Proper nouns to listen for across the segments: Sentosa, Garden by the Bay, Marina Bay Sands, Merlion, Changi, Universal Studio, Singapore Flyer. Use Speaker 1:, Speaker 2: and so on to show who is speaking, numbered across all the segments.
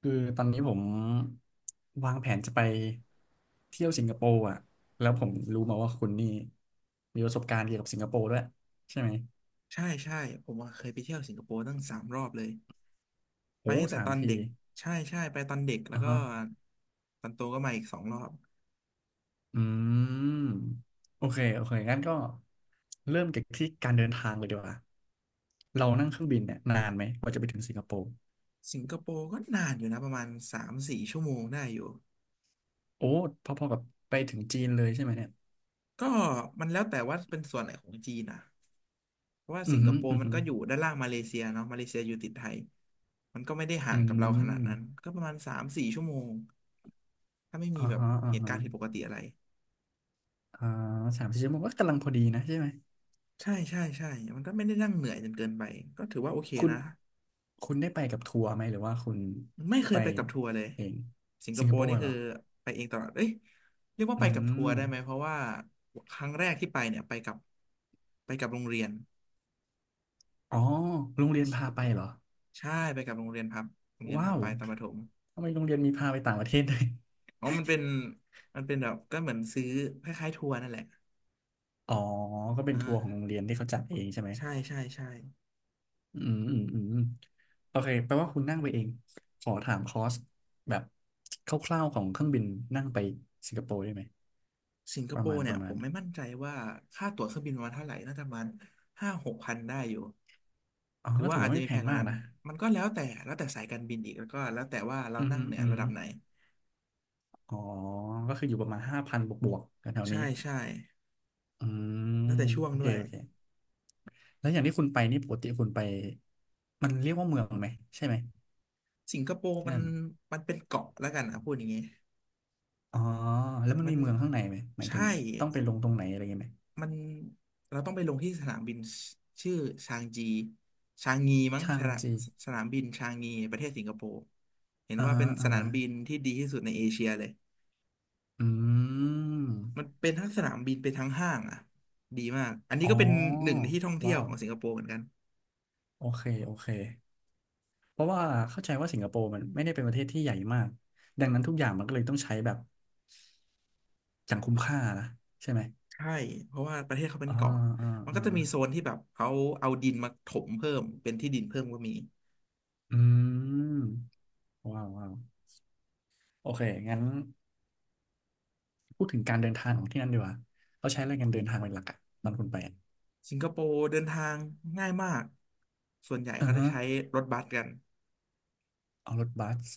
Speaker 1: คือตอนนี้ผมวางแผนจะไปเที่ยวสิงคโปร์อ่ะแล้วผมรู้มาว่าคุณนี่มีประสบการณ์เกี่ยวกับสิงคโปร์ด้วยใช่ไหม
Speaker 2: ใช่ใช่ผมอะเคยไปเที่ยวสิงคโปร์ตั้งสามรอบเลยไป
Speaker 1: โอ้
Speaker 2: ตั้งแต่
Speaker 1: สา
Speaker 2: ต
Speaker 1: ม
Speaker 2: อน
Speaker 1: ที
Speaker 2: เด็กใช่ใช่ไปตอนเด็กแล้ว
Speaker 1: อ่ะ
Speaker 2: ก็
Speaker 1: ฮะ
Speaker 2: ตอนโตก็มาอีกสองรอบ
Speaker 1: อืมโอเคโอเคงั้นก็เริ่มจากที่การเดินทางเลยดีกว่าเรานั่งเครื่องบินเนี่ยนานไหมกว่าจะไปถึงสิงคโปร์
Speaker 2: สิงคโปร์ก็นานอยู่นะประมาณสามสี่ชั่วโมงได้อยู่
Speaker 1: โอ้พอๆกับไปถึงจีนเลยใช่ไหมเนี่ย
Speaker 2: ก็มันแล้วแต่ว่าเป็นส่วนไหนของจีนนะเพราะว่า
Speaker 1: อื
Speaker 2: สิ
Speaker 1: อ
Speaker 2: งค
Speaker 1: หือ
Speaker 2: โป
Speaker 1: อื
Speaker 2: ร์
Speaker 1: อ
Speaker 2: มัน
Speaker 1: หือ
Speaker 2: ก็อยู่ด้านล่างมาเลเซียเนาะมาเลเซียอยู่ติดไทยมันก็ไม่ได้
Speaker 1: อื
Speaker 2: ห่างกับเราขนาดนั้น
Speaker 1: ม
Speaker 2: ก็ประมาณสามสี่ชั่วโมงถ้าไม่มี
Speaker 1: อ่า
Speaker 2: แบบ
Speaker 1: ฮะอ่า
Speaker 2: เหตุ
Speaker 1: ฮะ
Speaker 2: การณ์ผิดปกติอะไร
Speaker 1: อ่า3-4 ชั่วโมงก็กำลังพอดีนะใช่ไหม
Speaker 2: ใช่ใช่ใช่มันก็ไม่ได้นั่งเหนื่อยจนเกินไปก็ถือว่าโอเค
Speaker 1: คุณ
Speaker 2: นะ
Speaker 1: คุณได้ไปกับทัวร์ไหมหรือว่าคุณ
Speaker 2: ไม่เค
Speaker 1: ไป
Speaker 2: ยไปกับทัวร์เลย
Speaker 1: เอง
Speaker 2: สิงค
Speaker 1: สิง
Speaker 2: โป
Speaker 1: คโป
Speaker 2: ร์นี่
Speaker 1: ร์เห
Speaker 2: คื
Speaker 1: ร
Speaker 2: อ
Speaker 1: อ
Speaker 2: ไปเองตลอดเอ้ยเรียกว่า
Speaker 1: อื
Speaker 2: ไปกับ
Speaker 1: ม
Speaker 2: ทัวร์ได้ไหมเพราะว่าครั้งแรกที่ไปเนี่ยไปกับโรงเรียน
Speaker 1: อ๋อโรงเรียนพาไปเหรอ
Speaker 2: ใช่ไปกับโรงเรียนพบโรงเรียนพ
Speaker 1: ว้า
Speaker 2: บ
Speaker 1: ว
Speaker 2: ไปตอนประถม
Speaker 1: ทำไมโรงเรียนมีพาไปต่างประเทศด้วย
Speaker 2: อ๋อมันเป็นแบบก็เหมือนซื้อคล้ายๆทัวร์นั่นแหละ
Speaker 1: อ๋อก็เป็น
Speaker 2: อ่า
Speaker 1: ทัวร์ของโรงเรียนที่เขาจัดเองใช่ไหม
Speaker 2: ใช่ใช่ใช่
Speaker 1: อืมอืมอืมโอเคแปลว่าคุณนั่งไปเองขอถามคอสแบบคร่าวๆของเครื่องบินนั่งไปสิงคโปร์ได้ไหม
Speaker 2: สิงค
Speaker 1: ป
Speaker 2: โป
Speaker 1: ระมาณ
Speaker 2: ร์
Speaker 1: ป
Speaker 2: เนี่ย
Speaker 1: ระ
Speaker 2: ผ
Speaker 1: มาณ
Speaker 2: มไม่มั่นใจว่าค่าตั๋วเครื่องบินประมาณเท่าไหร่น่าจะประมาณห้าหกพันได้อยู่
Speaker 1: อ๋อ
Speaker 2: หรือ
Speaker 1: ก็
Speaker 2: ว่า
Speaker 1: ถือ
Speaker 2: อาจ
Speaker 1: ว่า
Speaker 2: จะ
Speaker 1: ไม่
Speaker 2: มี
Speaker 1: แพ
Speaker 2: แพ
Speaker 1: ง
Speaker 2: งกว่า
Speaker 1: มาก
Speaker 2: นั้น
Speaker 1: นะ
Speaker 2: มันก็แล้วแต่สายการบินอีกแล้วก็แล้วแต่ว่าเรา
Speaker 1: อื
Speaker 2: นั่
Speaker 1: ม
Speaker 2: งเนี่ย
Speaker 1: อืม
Speaker 2: ระดับไหน
Speaker 1: อ๋อ ก็คืออยู่ประมาณ5,000บวกบวกแถวๆ
Speaker 2: ใช่
Speaker 1: นี้
Speaker 2: ใช่
Speaker 1: อื
Speaker 2: แล้ว
Speaker 1: ม
Speaker 2: แต่ช่วง
Speaker 1: โอเค
Speaker 2: ด้วย
Speaker 1: โอเค แล้วอย่างที่คุณไปนี่ปกติคุณไปมันเรียกว่าเมืองไหมใช่ไหม
Speaker 2: สิงคโปร์
Speaker 1: ที่
Speaker 2: มัน
Speaker 1: นั่น
Speaker 2: มันเป็นเกาะแล้วกันนะพูดอย่างงี้
Speaker 1: อ๋อแล้วมัน
Speaker 2: มั
Speaker 1: มี
Speaker 2: น
Speaker 1: เมืองข้างในไหมหมายถึง
Speaker 2: ใช่
Speaker 1: ต้องไปลงตรงไหนอะไรเงี้ยไหม
Speaker 2: มันเราต้องไปลงที่สนามบินชชื่อชางจีชางงีมั้ง
Speaker 1: ชา
Speaker 2: ส
Speaker 1: ง
Speaker 2: นาม
Speaker 1: จี
Speaker 2: สนามบินชางงีประเทศสิงคโปร์เห็น
Speaker 1: อ่า
Speaker 2: ว่า
Speaker 1: ฮะ
Speaker 2: เป็นส
Speaker 1: อ่า
Speaker 2: นา
Speaker 1: ฮะ
Speaker 2: มบินที่ดีที่สุดในเอเชียเลย
Speaker 1: อื
Speaker 2: มัน
Speaker 1: ม
Speaker 2: เป็นทั้งสนามบินเป็นทั้งห้างอ่ะดีมากอันนี้
Speaker 1: อ๋
Speaker 2: ก็
Speaker 1: อ
Speaker 2: เป็นหนึ่งในที่ท่องเที่ย
Speaker 1: ว้า
Speaker 2: ว
Speaker 1: ว
Speaker 2: ของสิงคโปร์เหมือนกัน
Speaker 1: โอเคโอเค เพราะว่าเข้าใจว่าสิงคโปร์มันไม่ได้เป็นประเทศที่ใหญ่มากดังนั้นทุกอย่างมันก็เลยต้องใช้แบบอย่างคุ้มค่านะใช่ไหม
Speaker 2: ใช่เพราะว่าประเทศเขาเป็น
Speaker 1: อ่า
Speaker 2: เกาะ
Speaker 1: อ่า
Speaker 2: มันก็
Speaker 1: อ่า
Speaker 2: จะมีโซนที่แบบเขาเอาดินมาถมเพิ่มเป็นที่ดินเพิ่มก็มี
Speaker 1: อืมว้าวว้าวโอเคงั้นพูดถึงการเดินทางของที่นั่นดีกว่าเขาใช้อะไรกันเดินทางเป็นหลักอะตอนคุณไปอะ
Speaker 2: สิงคโปร์เดินทางง่ายมากส่วนใหญ่
Speaker 1: อื
Speaker 2: เขา
Speaker 1: อ
Speaker 2: จะ
Speaker 1: ฮะ
Speaker 2: ใช้รถบัสกัน
Speaker 1: เอารถบัส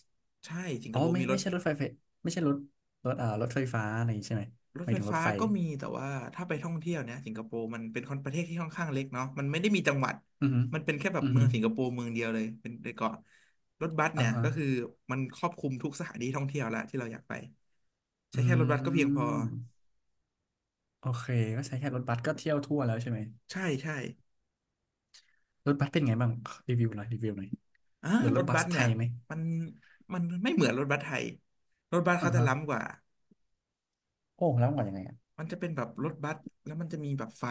Speaker 2: ใช่สิงค
Speaker 1: อ๋อ
Speaker 2: โปร์
Speaker 1: ไม่
Speaker 2: มีร
Speaker 1: ไม่
Speaker 2: ถ
Speaker 1: ใช่รถไฟไฟไม่ใช่รถรถอ่ารถไฟฟ้าอะไรอย่างงี้ใช่ไหม
Speaker 2: ร
Speaker 1: ห
Speaker 2: ถ
Speaker 1: มาย
Speaker 2: ไฟ
Speaker 1: ถึงรถ
Speaker 2: ฟ้า
Speaker 1: ไฟ
Speaker 2: ก็มีแต่ว่าถ้าไปท่องเที่ยวเนี่ยสิงคโปร์มันเป็นคนประเทศที่ค่อนข้างเล็กเนาะมันไม่ได้มีจังหวัด
Speaker 1: อือฮึ
Speaker 2: มันเป็นแค่แบบ
Speaker 1: อือ
Speaker 2: เมื
Speaker 1: ฮึ
Speaker 2: องสิงคโปร์เมืองเดียวเลยเป็นเกาะรถบัส
Speaker 1: อ่า
Speaker 2: เนี่ย
Speaker 1: ฮะ
Speaker 2: ก็คือมันครอบคลุมทุกสถานที่ท่องเที่ยวละที่เราอยากไป
Speaker 1: อื
Speaker 2: ใช้แค่รถบัสก็เพียงพอ
Speaker 1: มโอเคก็ใช้แค่รถบัสก็เที่ยวทั่วแล้วใช่ไหม
Speaker 2: ใช่ใช่
Speaker 1: รถบัสเป็นไงบ้างรีวิวหน่อยรีวิวหน่อย
Speaker 2: อ่า
Speaker 1: เหมือนร
Speaker 2: ร
Speaker 1: ถ
Speaker 2: ถ
Speaker 1: บั
Speaker 2: บั
Speaker 1: ส
Speaker 2: ส
Speaker 1: ไท
Speaker 2: เนี่ย
Speaker 1: ยไหม
Speaker 2: มันมันไม่เหมือนรถบัสไทยรถบัส
Speaker 1: อ่า
Speaker 2: เขาจะ
Speaker 1: ฮะ
Speaker 2: ล้ำกว่า
Speaker 1: โอ้แล้วมันก่อนยังไงอะ
Speaker 2: มันจะเป็นแบบรถบัสแล้วมันจะมีแบบไฟ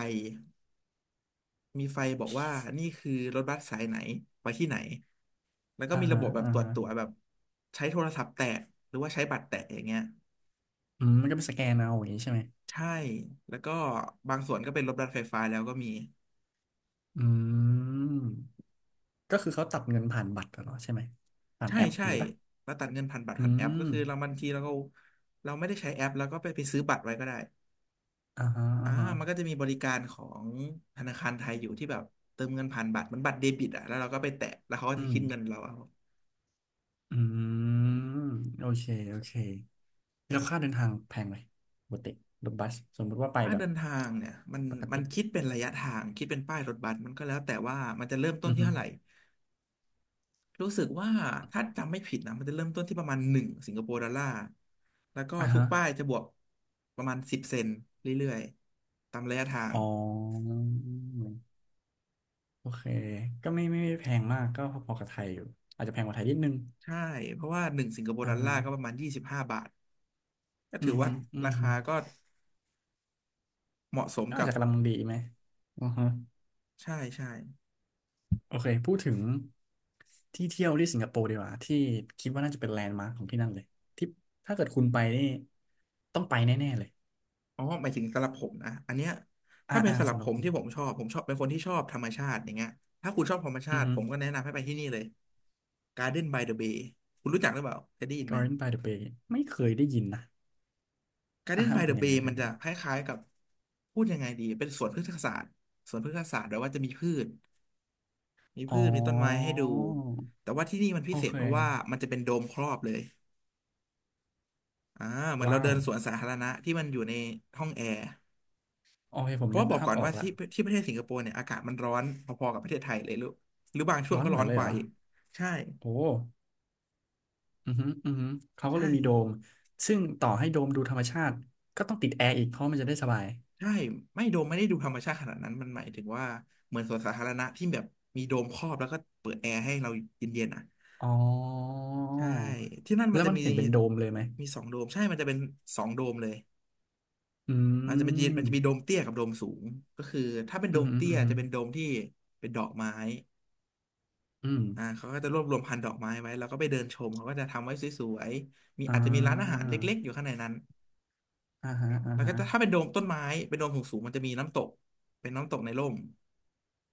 Speaker 2: มีไฟบอกว่านี่คือรถบัสสายไหนไปที่ไหนแล้วก็
Speaker 1: อ่า
Speaker 2: มีระ
Speaker 1: ฮะ
Speaker 2: บบแบบ
Speaker 1: อ่า
Speaker 2: ตรวจ
Speaker 1: ฮะ
Speaker 2: ตั๋วแบบใช้โทรศัพท์แตะหรือว่าใช้บัตรแตะอย่างเงี้ย
Speaker 1: อืมมันก็ไปสแกนเอาอย่างงี้ใช่ไหม
Speaker 2: ใช่แล้วก็บางส่วนก็เป็นรถบัสไฟฟ้าแล้วก็มี
Speaker 1: อืมก็คือเขาตัดเงินผ่านบัตรเหรอใช่ไหมผ่าน
Speaker 2: ใช่
Speaker 1: แอปอ
Speaker 2: ใช่
Speaker 1: ย่างนี้ปะ
Speaker 2: แล้วตัดเงินผ่านบัตร
Speaker 1: อื
Speaker 2: ผ่านแอปก็
Speaker 1: ม
Speaker 2: คือเราบางทีเราก็เราไม่ได้ใช้แอปแล้วก็ไปซื้อบัตรไว้ก็ได้
Speaker 1: อ่าฮะ
Speaker 2: อ่า
Speaker 1: อ่าฮะ
Speaker 2: มันก็จะมีบริการของธนาคารไทยอยู่ที่แบบเติมเงินผ่านบัตรเหมันบัตรเดบิตอ่ะแล้วเราก็ไปแตะแล้วเขาก็
Speaker 1: อื
Speaker 2: จะ
Speaker 1: ม
Speaker 2: คิดเงินเราเอา
Speaker 1: อืมโอเคโอเคแล้วค่าเดินทางแพงไหมปกติรถบัสสมมุติว่าไป
Speaker 2: ค่า
Speaker 1: แบบ
Speaker 2: เดินทางเนี่ยมัน
Speaker 1: ปก
Speaker 2: มัน
Speaker 1: ติ
Speaker 2: คิดเป็นระยะทางคิดเป็นป้ายรถบัสมันก็แล้วแต่ว่ามันจะเริ่มต้น
Speaker 1: อือ
Speaker 2: ที่
Speaker 1: ฮึ
Speaker 2: เท่าไหร่รู้สึกว่าถ้าจำไม่ผิดนะมันจะเริ่มต้นที่ประมาณหนึ่งสิงคโปร์ดอลลาร์แล้วก็
Speaker 1: อ่า
Speaker 2: ทุก
Speaker 1: ฮะ
Speaker 2: ป้ายจะบวกประมาณ10 เซนต์เรื่อยๆตามระยะทาง
Speaker 1: อ๋อโอเคก็ไม่ไม่ไม่แพงมากก็พอๆกับไทยอยู่อาจจะแพงกว่าไทยนิดนึง
Speaker 2: ใช่เพราะว่าหนึ่งสิงคโปร์
Speaker 1: อ่า
Speaker 2: ดอล
Speaker 1: ฮะ
Speaker 2: ลาร์ก็ประมาณ25 บาทก็
Speaker 1: อื
Speaker 2: ถือ
Speaker 1: อ
Speaker 2: ว่า
Speaker 1: ฮึอื
Speaker 2: รา
Speaker 1: อฮึ
Speaker 2: คาก็เหมาะสม
Speaker 1: ก็อา
Speaker 2: กั
Speaker 1: จ
Speaker 2: บ
Speaker 1: จะกำลังดีไหมอือฮะ
Speaker 2: ใช่ใช่
Speaker 1: โอเคพูดถึงที่เที่ยวที่สิงคโปร์ดีกว่าที่คิดว่าน่าจะเป็นแลนด์มาร์คของที่นั่นเลยที่ถ้าเกิดคุณไปนี่ต้องไปแน่ๆเลย
Speaker 2: อ๋อหมายถึงสำหรับผมนะอันเนี้ย
Speaker 1: อ่า
Speaker 2: ถ้าเป็น
Speaker 1: อ่า
Speaker 2: สำหรับ
Speaker 1: สำห
Speaker 2: ผ
Speaker 1: รับ
Speaker 2: ม
Speaker 1: คุณ
Speaker 2: ที่ผมชอบเป็นคนที่ชอบธรรมชาติอย่างเงี้ยถ้าคุณชอบธรรมชา
Speaker 1: อือ
Speaker 2: ติ
Speaker 1: ฮึ
Speaker 2: ผมก็แนะนำให้ไปที่นี่เลย Garden by the Bay คุณรู้จักหรือเปล่าเคยได้ยินไหม
Speaker 1: Garden by the Bay ไม่เคยได้ยินนะอ่า
Speaker 2: Garden
Speaker 1: มั
Speaker 2: by
Speaker 1: นเป็
Speaker 2: the
Speaker 1: นยังไง
Speaker 2: Bay
Speaker 1: เป็
Speaker 2: มั
Speaker 1: น
Speaker 2: น
Speaker 1: ยังไง
Speaker 2: จะคล้ายๆกับพูดยังไงดีเป็นสวนพฤกษศาสตร์สวนพฤกษศาสตร์แปลว่าจะมีพืชมี
Speaker 1: อ๋อ
Speaker 2: พืชมีต้นไม้ให้ดูแต่ว่าที่นี่มันพิ
Speaker 1: โอ
Speaker 2: เศษ
Speaker 1: เค
Speaker 2: เพราะว่ามันจะเป็นโดมครอบเลยอ่าเหมือนเรา
Speaker 1: ว้า
Speaker 2: เดิ
Speaker 1: ว
Speaker 2: นสวนสาธารณะที่มันอยู่ในห้องแอร์
Speaker 1: โอเคผ
Speaker 2: เพ
Speaker 1: ม
Speaker 2: ราะ
Speaker 1: นึ
Speaker 2: ว่า
Speaker 1: ก
Speaker 2: บอก
Speaker 1: ภาพ
Speaker 2: ก่อน
Speaker 1: ออ
Speaker 2: ว่า
Speaker 1: กละ
Speaker 2: ที่ประเทศสิงคโปร์เนี่ยอากาศมันร้อนพอๆกับประเทศไทยเลยหรือบางช่วง
Speaker 1: ร้อน
Speaker 2: ก็
Speaker 1: เห
Speaker 2: ร้
Speaker 1: มื
Speaker 2: อ
Speaker 1: อน
Speaker 2: น
Speaker 1: เล
Speaker 2: ก
Speaker 1: ยเห
Speaker 2: ว่า
Speaker 1: รอ
Speaker 2: อีกใช่
Speaker 1: โอ้อือฮึอือฮึเขาก็เล
Speaker 2: ใช่
Speaker 1: ยมีโดมซึ่งต่อให้โดมดูธรรมชาติก็ต้องติดแอร์อีกเพราะมันจะได้สบาย
Speaker 2: ใช่ไม่โดมไม่ได้ดูธรรมชาติขนาดนั้นมันหมายถึงว่าเหมือนสวนสาธารณะที่แบบมีโดมครอบแล้วก็เปิดแอร์ให้เราเย็นๆอ่ะ
Speaker 1: อ๋อ
Speaker 2: ใช่ที่นั่นมั
Speaker 1: แล้
Speaker 2: น
Speaker 1: ว
Speaker 2: จะ
Speaker 1: มัน
Speaker 2: มี
Speaker 1: เห็นเป็นโดมเลยไหม
Speaker 2: มีสองโดมใช่มันจะเป็นสองโดมเลย
Speaker 1: อื
Speaker 2: มันจะมีโด
Speaker 1: ม
Speaker 2: มเตี้ยกับโดมสูงก็คือถ้าเป็น
Speaker 1: อื
Speaker 2: โด
Speaker 1: ม
Speaker 2: ม
Speaker 1: อืม
Speaker 2: เตี้ย
Speaker 1: อื
Speaker 2: จะ
Speaker 1: ม
Speaker 2: เป็นโดมที่เป็นดอกไม้
Speaker 1: อืม
Speaker 2: อ่าเขาก็จะรวบรวมพันธุ์ดอกไม้ไว้แล้วก็ไปเดินชมเขาก็จะทำไว้สวยๆมี
Speaker 1: อ่
Speaker 2: อาจจะมีร้านอาหาร
Speaker 1: า
Speaker 2: เล็กๆอยู่ข้างในนั้น
Speaker 1: อ่าฮะอ่า
Speaker 2: แล้วก็
Speaker 1: ฮะ
Speaker 2: จะถ้าเป็นโดมต้นไม้เป็นโดมสูงๆมันจะมีน้ำตกเป็นน้ำตกในร่ม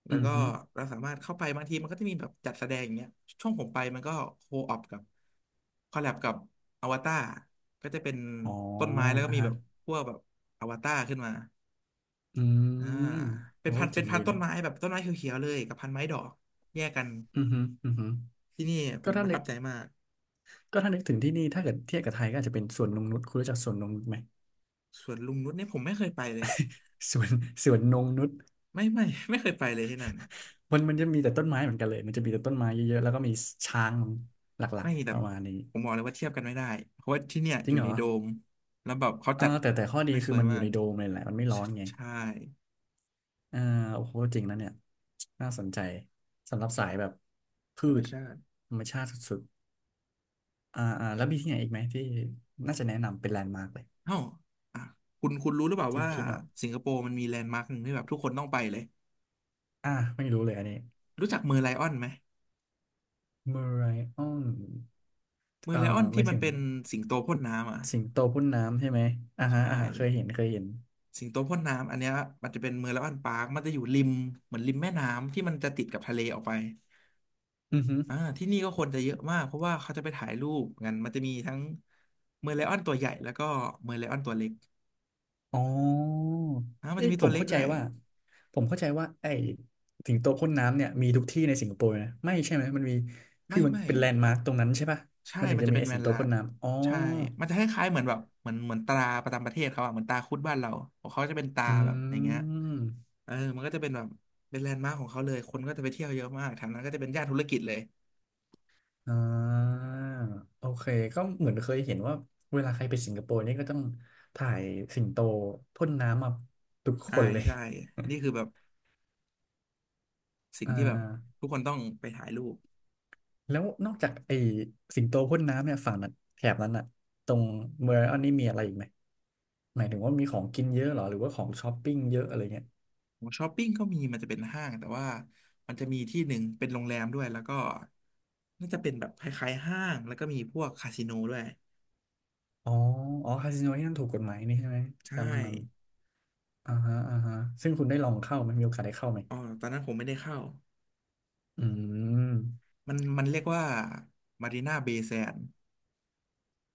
Speaker 2: แล้
Speaker 1: อื
Speaker 2: ว
Speaker 1: ม
Speaker 2: ก็
Speaker 1: ฮึ
Speaker 2: เราสามารถเข้าไปบางทีมันก็จะมีแบบจัดแสดงอย่างเงี้ยช่วงผมไปมันก็โคออปกับคอลแลบกับอวตารก็จะเป็น
Speaker 1: อ๋อ
Speaker 2: ต้นไม้แล้วก็
Speaker 1: อ่า
Speaker 2: มี
Speaker 1: ฮะ
Speaker 2: แบบพวกแบบอวตารขึ้นมา
Speaker 1: อื
Speaker 2: อ่า
Speaker 1: ม
Speaker 2: เป็น
Speaker 1: โอ้
Speaker 2: พันเป็
Speaker 1: เจ๋
Speaker 2: น
Speaker 1: ง
Speaker 2: พั
Speaker 1: ดี
Speaker 2: นต้น
Speaker 1: นะ
Speaker 2: ไม้แบบต้นไม้เขียวๆเลยกับพันไม้ดอกแยกกัน
Speaker 1: อืมฮึอืมฮึ
Speaker 2: ที่นี่ผ
Speaker 1: ก็
Speaker 2: มป
Speaker 1: ถ้า
Speaker 2: ระ
Speaker 1: นึ
Speaker 2: ทั
Speaker 1: ก
Speaker 2: บใจมาก
Speaker 1: ก็ถ้านึกถึงที่นี่ถ้าเกิดเทียบกับไทยก็อาจจะเป็นสวนนงนุชคุณรู้จักสวนนงนุชไหม
Speaker 2: สวนลุงนุชเนี่ยผมไม่เคยไปเลย
Speaker 1: สวนสวนนงนุช
Speaker 2: ไม่ไม่ ไม่เคยไปเลยที่นั่น
Speaker 1: มันมันจะมีแต่ต้นไม้เหมือนกันเลยมันจะมีแต่ต้นไม้เยอะๆแล้วก็มีช้างหลัก
Speaker 2: ไม่แบ
Speaker 1: ๆป
Speaker 2: บ
Speaker 1: ระมาณนี้
Speaker 2: ผมบอกเลยว่าเทียบกันไม่ได้เพราะว่าที่เนี่ย
Speaker 1: จ
Speaker 2: อ
Speaker 1: ริง
Speaker 2: ยู่
Speaker 1: เหร
Speaker 2: ใน
Speaker 1: อ
Speaker 2: โดมแล้วแบบเขา
Speaker 1: เออ
Speaker 2: จัด
Speaker 1: แต่แต่ข้อดี
Speaker 2: ได้ส
Speaker 1: คือ
Speaker 2: วย
Speaker 1: มันอ
Speaker 2: มา
Speaker 1: ยู่
Speaker 2: ก
Speaker 1: ในโดมเลยแหละมันไม่ร้อ
Speaker 2: ใช่
Speaker 1: นไง
Speaker 2: ใช่
Speaker 1: อ่าโอ้โหจริงนะเนี่ยน่าสนใจสำหรับสายแบบพื
Speaker 2: ธรรม
Speaker 1: ช
Speaker 2: ชาติ
Speaker 1: ธรรมชาติสุดๆอ่าอ่าแล้วมีที่ไหนอีกไหมที่น่าจะแนะนำเป็นแลนด์มาร์กเลย
Speaker 2: เอ้าอ่ะคุณรู้หรือเปล่า
Speaker 1: ที่
Speaker 2: ว่า
Speaker 1: คิดเนาะ
Speaker 2: สิงคโปร์มันมีแลนด์มาร์คหนึ่งที่แบบทุกคนต้องไปเลย
Speaker 1: อ่าไม่รู้เลยอันนี้
Speaker 2: รู้จักเมอร์ไลออนไหม
Speaker 1: เมอไรออน
Speaker 2: เมอ
Speaker 1: เอ่อ
Speaker 2: ร์ไลออน
Speaker 1: ห
Speaker 2: ที่
Speaker 1: มาย
Speaker 2: มัน
Speaker 1: ถึง
Speaker 2: เป็นสิงโตพ่นน้ำอ่ะ
Speaker 1: สิงโตพ่นน้ำใช่ไหมอ่าฮะ
Speaker 2: ใช่
Speaker 1: อ่าฮะเคยเห็นเคยเห็น
Speaker 2: สิงโตพ่นน้ำอันเนี้ยมันจะเป็นเมอร์ไลออนปาร์คมันจะอยู่ริมเหมือนริมแม่น้ำที่มันจะติดกับทะเลออกไป
Speaker 1: อือฮึ
Speaker 2: ที่นี่ก็คนจะเยอะมากเพราะว่าเขาจะไปถ่ายรูปงันมันจะมีทั้งเมอร์ไลออนตัวใหญ่แล้วก็เมอร์ไลออนตัวเล็ก
Speaker 1: อ๋อ
Speaker 2: มัน
Speaker 1: เอ้ย
Speaker 2: จะมีตัวเล็กด้วย
Speaker 1: ผมเข้าใจว่าไอ้สิงโตพ่นน้ำเนี่ยมีทุกที่ในสิงคโปร์นะไม่ใช่ไหมมันมีคื
Speaker 2: ไม่
Speaker 1: อมัน
Speaker 2: ไม่
Speaker 1: เป็นแลนด์มาร์คตรงนั้นใช่ปะ
Speaker 2: ใช่
Speaker 1: มันถึง
Speaker 2: มัน
Speaker 1: จะ
Speaker 2: จะ
Speaker 1: มี
Speaker 2: เป็น
Speaker 1: ไอ้
Speaker 2: แม
Speaker 1: สิง
Speaker 2: น
Speaker 1: โต
Speaker 2: ละ
Speaker 1: พ่นน้ำอ๋อ
Speaker 2: ใช่มันจะคล้ายๆเหมือนแบบเหมือนตราประจำประเทศเขาอะเหมือนตราคุดบ้านเราของเขาจะเป็นตรา
Speaker 1: อื
Speaker 2: แบบอย่างเงี้ย
Speaker 1: ม
Speaker 2: เออมันก็จะเป็นแบบเป็นแลนด์มาร์คของเขาเลยคนก็จะไปเที่ยวเยอะมากแถวนั้นก็จะเป็นย่านธุรกิจเลย
Speaker 1: อ่าโอเคก็เหมือนเคยเห็นว่าเวลาใครไปสิงคโปร์นี่ก็ต้องถ่ายสิงโตพ่นน้ำมาทุกค
Speaker 2: ใช่
Speaker 1: นเลย
Speaker 2: ใช่นี่คือแบบสิ่ ง
Speaker 1: อ่า
Speaker 2: ที่แบบทุกคนต้องไปถ่ายรูป
Speaker 1: แล้วนอกจากไอ้สิงโตพ่นน้ำเนี่ยฝั่งนั้นแถบนั้นอะตรงเมืองอันนี้มีอะไรอีกไหมหมายถึงว่ามีของกินเยอะเหรอหรือว่าของช้อปปิ้งเยอะอะไรเงี้ย
Speaker 2: ของช้อปปิ้งก็มีมันจะเป็นห้างแต่ว่ามันจะมีที่หนึ่งเป็นโรงแรมด้วยแล้วก็น่าจะเป็นแบบคล้ายๆห้างแล้วก็มีพวกคาสิโนด้วย
Speaker 1: อ๋ออ๋อคาสิโนที่นั่นถูกกฎหมายนี่ใช่ไหม
Speaker 2: ใช
Speaker 1: การ
Speaker 2: ่
Speaker 1: พนันอ่าฮะอ่าฮะซึ่งคุณได้ลองเข้าไหมมีโอกาสได้เข้าไหม
Speaker 2: อ๋อตอนนั้นผมไม่ได้เข้า
Speaker 1: อืม
Speaker 2: มันเรียกว่ามารีนาเบย์แซน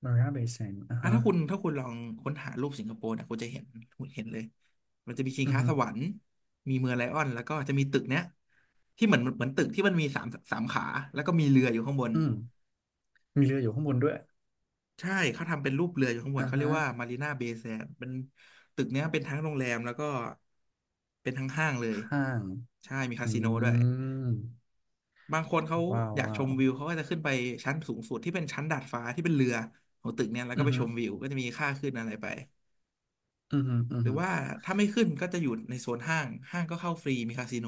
Speaker 1: มาริอาเบย์แซนอ่า
Speaker 2: อ่ะ
Speaker 1: ฮะ
Speaker 2: ถ้าคุณลองค้นหารูปสิงคโปร์เนี่ยคุณจะเห็นคุณเห็นเลยมันจะมีชิง
Speaker 1: อือ
Speaker 2: ช้า
Speaker 1: ฮึ
Speaker 2: สวรรค์มีเมืองไลออนแล้วก็จะมีตึกเนี้ยที่เหมือนตึกที่มันมีสามขาแล้วก็มีเรืออยู่ข้างบน
Speaker 1: อืมมีเรืออยู่ข้างบนด้วย
Speaker 2: ใช่เขาทำเป็นรูปเรืออยู่ข้างบน
Speaker 1: อ่า
Speaker 2: เขาเรีย
Speaker 1: ฮะ
Speaker 2: กว่ามารีนาเบย์แซนเป็นตึกเนี้ยเป็นทั้งโรงแรมแล้วก็เป็นทั้งห้างเลย
Speaker 1: ห้าง
Speaker 2: ใช่มี
Speaker 1: อื
Speaker 2: คาสิโนด้วย
Speaker 1: ม
Speaker 2: บางคนเขา
Speaker 1: ว้าว
Speaker 2: อยากช
Speaker 1: ว้าว
Speaker 2: มวิวเขาก็จะขึ้นไปชั้นสูงสุดที่เป็นชั้นดาดฟ้าที่เป็นเรือของตึกเนี้ยแล้วก็
Speaker 1: อือ
Speaker 2: ไป
Speaker 1: ฮึ
Speaker 2: ชมวิวก็จะมีค่าขึ้นอะไรไป
Speaker 1: อือฮึอื
Speaker 2: ห
Speaker 1: อ
Speaker 2: รือ
Speaker 1: ฮึ
Speaker 2: ว่าถ้าไม่ขึ้นก็จะอยู่ในโซนห้างห้างก็เข้าฟรีมีคาสิโน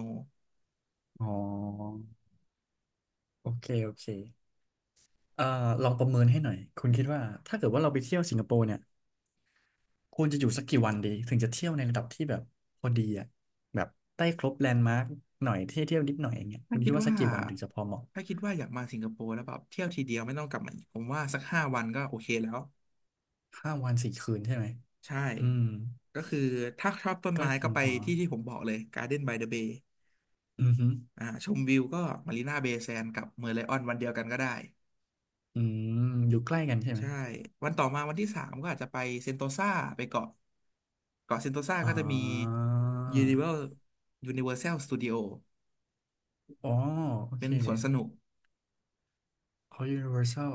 Speaker 1: อ๋อโอเคโอเค เอ่อลองประเมินให้หน่อยคุณคิดว่าถ้าเกิดว่าเราไปเที่ยวสิงคโปร์เนี่ยควรจะอยู่สักกี่วันดีถึงจะเที่ยวในระดับที่แบบพอดีอ่ะแบบได้ครบแลนด์มาร์กหน่อยเที่ยวเที่ยวนิดหน่อยอย่างเงี้ยคุ
Speaker 2: ถ้า
Speaker 1: ณ
Speaker 2: คิ
Speaker 1: คิ
Speaker 2: ด
Speaker 1: ดว่า
Speaker 2: ว่า
Speaker 1: สักกี่วันถึงจะพอเหมาะ
Speaker 2: ถ้าคิดว่าอยากมาสิงคโปร์แล้วแบบเที่ยวทีเดียวไม่ต้องกลับมาอีกผมว่าสัก5 วันก็โอเคแล้ว
Speaker 1: 5 วัน 4 คืนใช่ไหม
Speaker 2: ใช่
Speaker 1: อืม
Speaker 2: ก็คือถ้าชอบต้น
Speaker 1: ก็
Speaker 2: ไม้
Speaker 1: เพี
Speaker 2: ก็
Speaker 1: ยง
Speaker 2: ไป
Speaker 1: พอ
Speaker 2: ที่ที่ผมบอกเลย Garden by the Bay
Speaker 1: อือฮึ
Speaker 2: ชมวิวก็มารีนาเบย์แซนกับเมอร์ไลออนวันเดียวกันก็ได้
Speaker 1: อืมอยู่ใกล้กันใช่ไหม
Speaker 2: ใช่วันต่อมาวันที่สามก็อาจจะไปเซนโตซาไปเกาะเซนโตซา
Speaker 1: อ๋
Speaker 2: ก็
Speaker 1: อ
Speaker 2: จะมี Universal Universal Studio
Speaker 1: อ๋อโอ
Speaker 2: เป็
Speaker 1: เค
Speaker 2: นสวนสนุก
Speaker 1: เขา Universal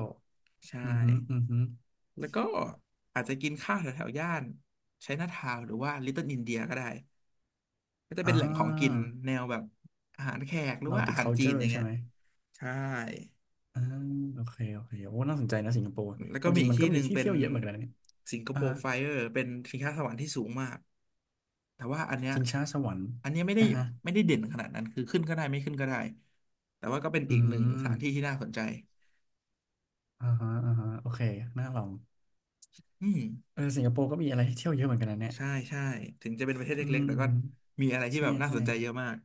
Speaker 2: ใช่
Speaker 1: อือฮึอือฮึ
Speaker 2: แล้วก็อาจจะกินข้าวแถวๆย่านไชน่าทาวน์หรือว่าลิตเติ้ลอินเดียก็ได้ก็จะ
Speaker 1: อ่
Speaker 2: เป็นแหล่งของกิน
Speaker 1: า
Speaker 2: แนวแบบอาหารแขกหรือว่าอาหารจีนอ
Speaker 1: Multicultural
Speaker 2: ย่าง
Speaker 1: ใช่
Speaker 2: เงี้ย
Speaker 1: ไหม
Speaker 2: ใช่
Speaker 1: อ่าโอเคโอเคโอ้น่าสนใจนะสิงคโปร์
Speaker 2: แล้ว
Speaker 1: ค
Speaker 2: ก็
Speaker 1: วามจ
Speaker 2: มี
Speaker 1: ริง
Speaker 2: อีก
Speaker 1: มันก็
Speaker 2: ที่ห
Speaker 1: มี
Speaker 2: นึ่ง
Speaker 1: ที่
Speaker 2: เป็น
Speaker 1: เที่ยวเยอะเหมือนกันนะเนี่ย
Speaker 2: สิงคโป
Speaker 1: อ่า
Speaker 2: ร์
Speaker 1: ฮะ
Speaker 2: ไฟเออร์เป็นชิงช้าสวรรค์ที่สูงมากแต่ว่าอันเนี้ย
Speaker 1: ชิงช้าสวรรค์
Speaker 2: อันเนี้ยไม่ได้
Speaker 1: อ่าฮะ
Speaker 2: ไม่ได้เด่นขนาดนั้นคือขึ้นก็ได้ไม่ขึ้นก็ได้แต่ว่าก็เป็น
Speaker 1: อื
Speaker 2: อีกหนึ่งสถานที่
Speaker 1: ม
Speaker 2: ที่น่าสนใจ
Speaker 1: อ่าฮะอ่าฮะโอเคน่าลอง
Speaker 2: อืม
Speaker 1: เออสิงคโปร์ก็มีอะไรให้เที่ยวเยอะเหมือนกันนะเนี่ย
Speaker 2: ใช่ใช่ถึงจะเป็นประเทศ
Speaker 1: อื
Speaker 2: เล็
Speaker 1: ม
Speaker 2: กๆแต่ก็
Speaker 1: อืม
Speaker 2: มีอะไรที่
Speaker 1: ใช่
Speaker 2: แบบน่า
Speaker 1: ใช่
Speaker 2: สนใจเยอะมาก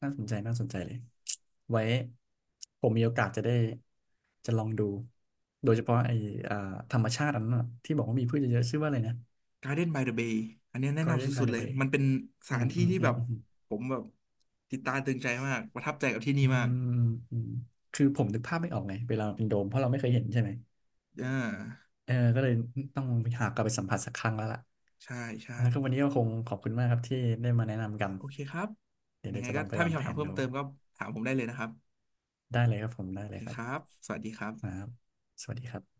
Speaker 1: น่าสนใจน่าสนใจเลยไว้ผมมีโอกาสจะได้จะลองดูโดยเฉพาะไอ้อ่าธรรมชาติอันนั้นน่ะที่บอกว่ามีพืชเยอะๆชื่อว่าอะไรนะ
Speaker 2: Garden by the Bay อันเนี้ยแนะนำ
Speaker 1: Garden
Speaker 2: สุ
Speaker 1: by
Speaker 2: ดๆ
Speaker 1: the
Speaker 2: เลย
Speaker 1: Bay
Speaker 2: มันเป็นส
Speaker 1: อื
Speaker 2: ถา
Speaker 1: ม
Speaker 2: นที่
Speaker 1: อืม
Speaker 2: ที่
Speaker 1: อื
Speaker 2: แบ
Speaker 1: ม
Speaker 2: บ
Speaker 1: อืมอืม
Speaker 2: ผมแบบติดตาตึงใจมากประทับใจกับที่นี่
Speaker 1: อื
Speaker 2: มาก
Speaker 1: มอืมคือผมนึกภาพไม่ออกไงเวลาเราเป็นโดมเพราะเราไม่เคยเห็นใช่ไหม
Speaker 2: อ่า
Speaker 1: เออก็เลยต้องหากลับไปสัมผัสสักครั้งแล้วล่ะ
Speaker 2: ใช่ใช่
Speaker 1: แล้วก็วันนี้ก็คงขอบคุณมากครับที่ได้มาแนะนำกัน
Speaker 2: โอเคครับ
Speaker 1: เดี๋ยว
Speaker 2: ยั
Speaker 1: เดี๋
Speaker 2: ง
Speaker 1: ย
Speaker 2: ไง
Speaker 1: วจะ
Speaker 2: ก็
Speaker 1: ลองไป
Speaker 2: ถ้า
Speaker 1: วา
Speaker 2: มี
Speaker 1: งแผ
Speaker 2: คำถาม
Speaker 1: น
Speaker 2: เพิ่ม
Speaker 1: ดู
Speaker 2: เติมก็ถามผมได้เลยนะครับ
Speaker 1: ได้เลยครับผมได้
Speaker 2: โอ
Speaker 1: เล
Speaker 2: เค
Speaker 1: ยครั
Speaker 2: ครั
Speaker 1: บ
Speaker 2: บสวัสดีครับ
Speaker 1: ครับสวัสดีครับ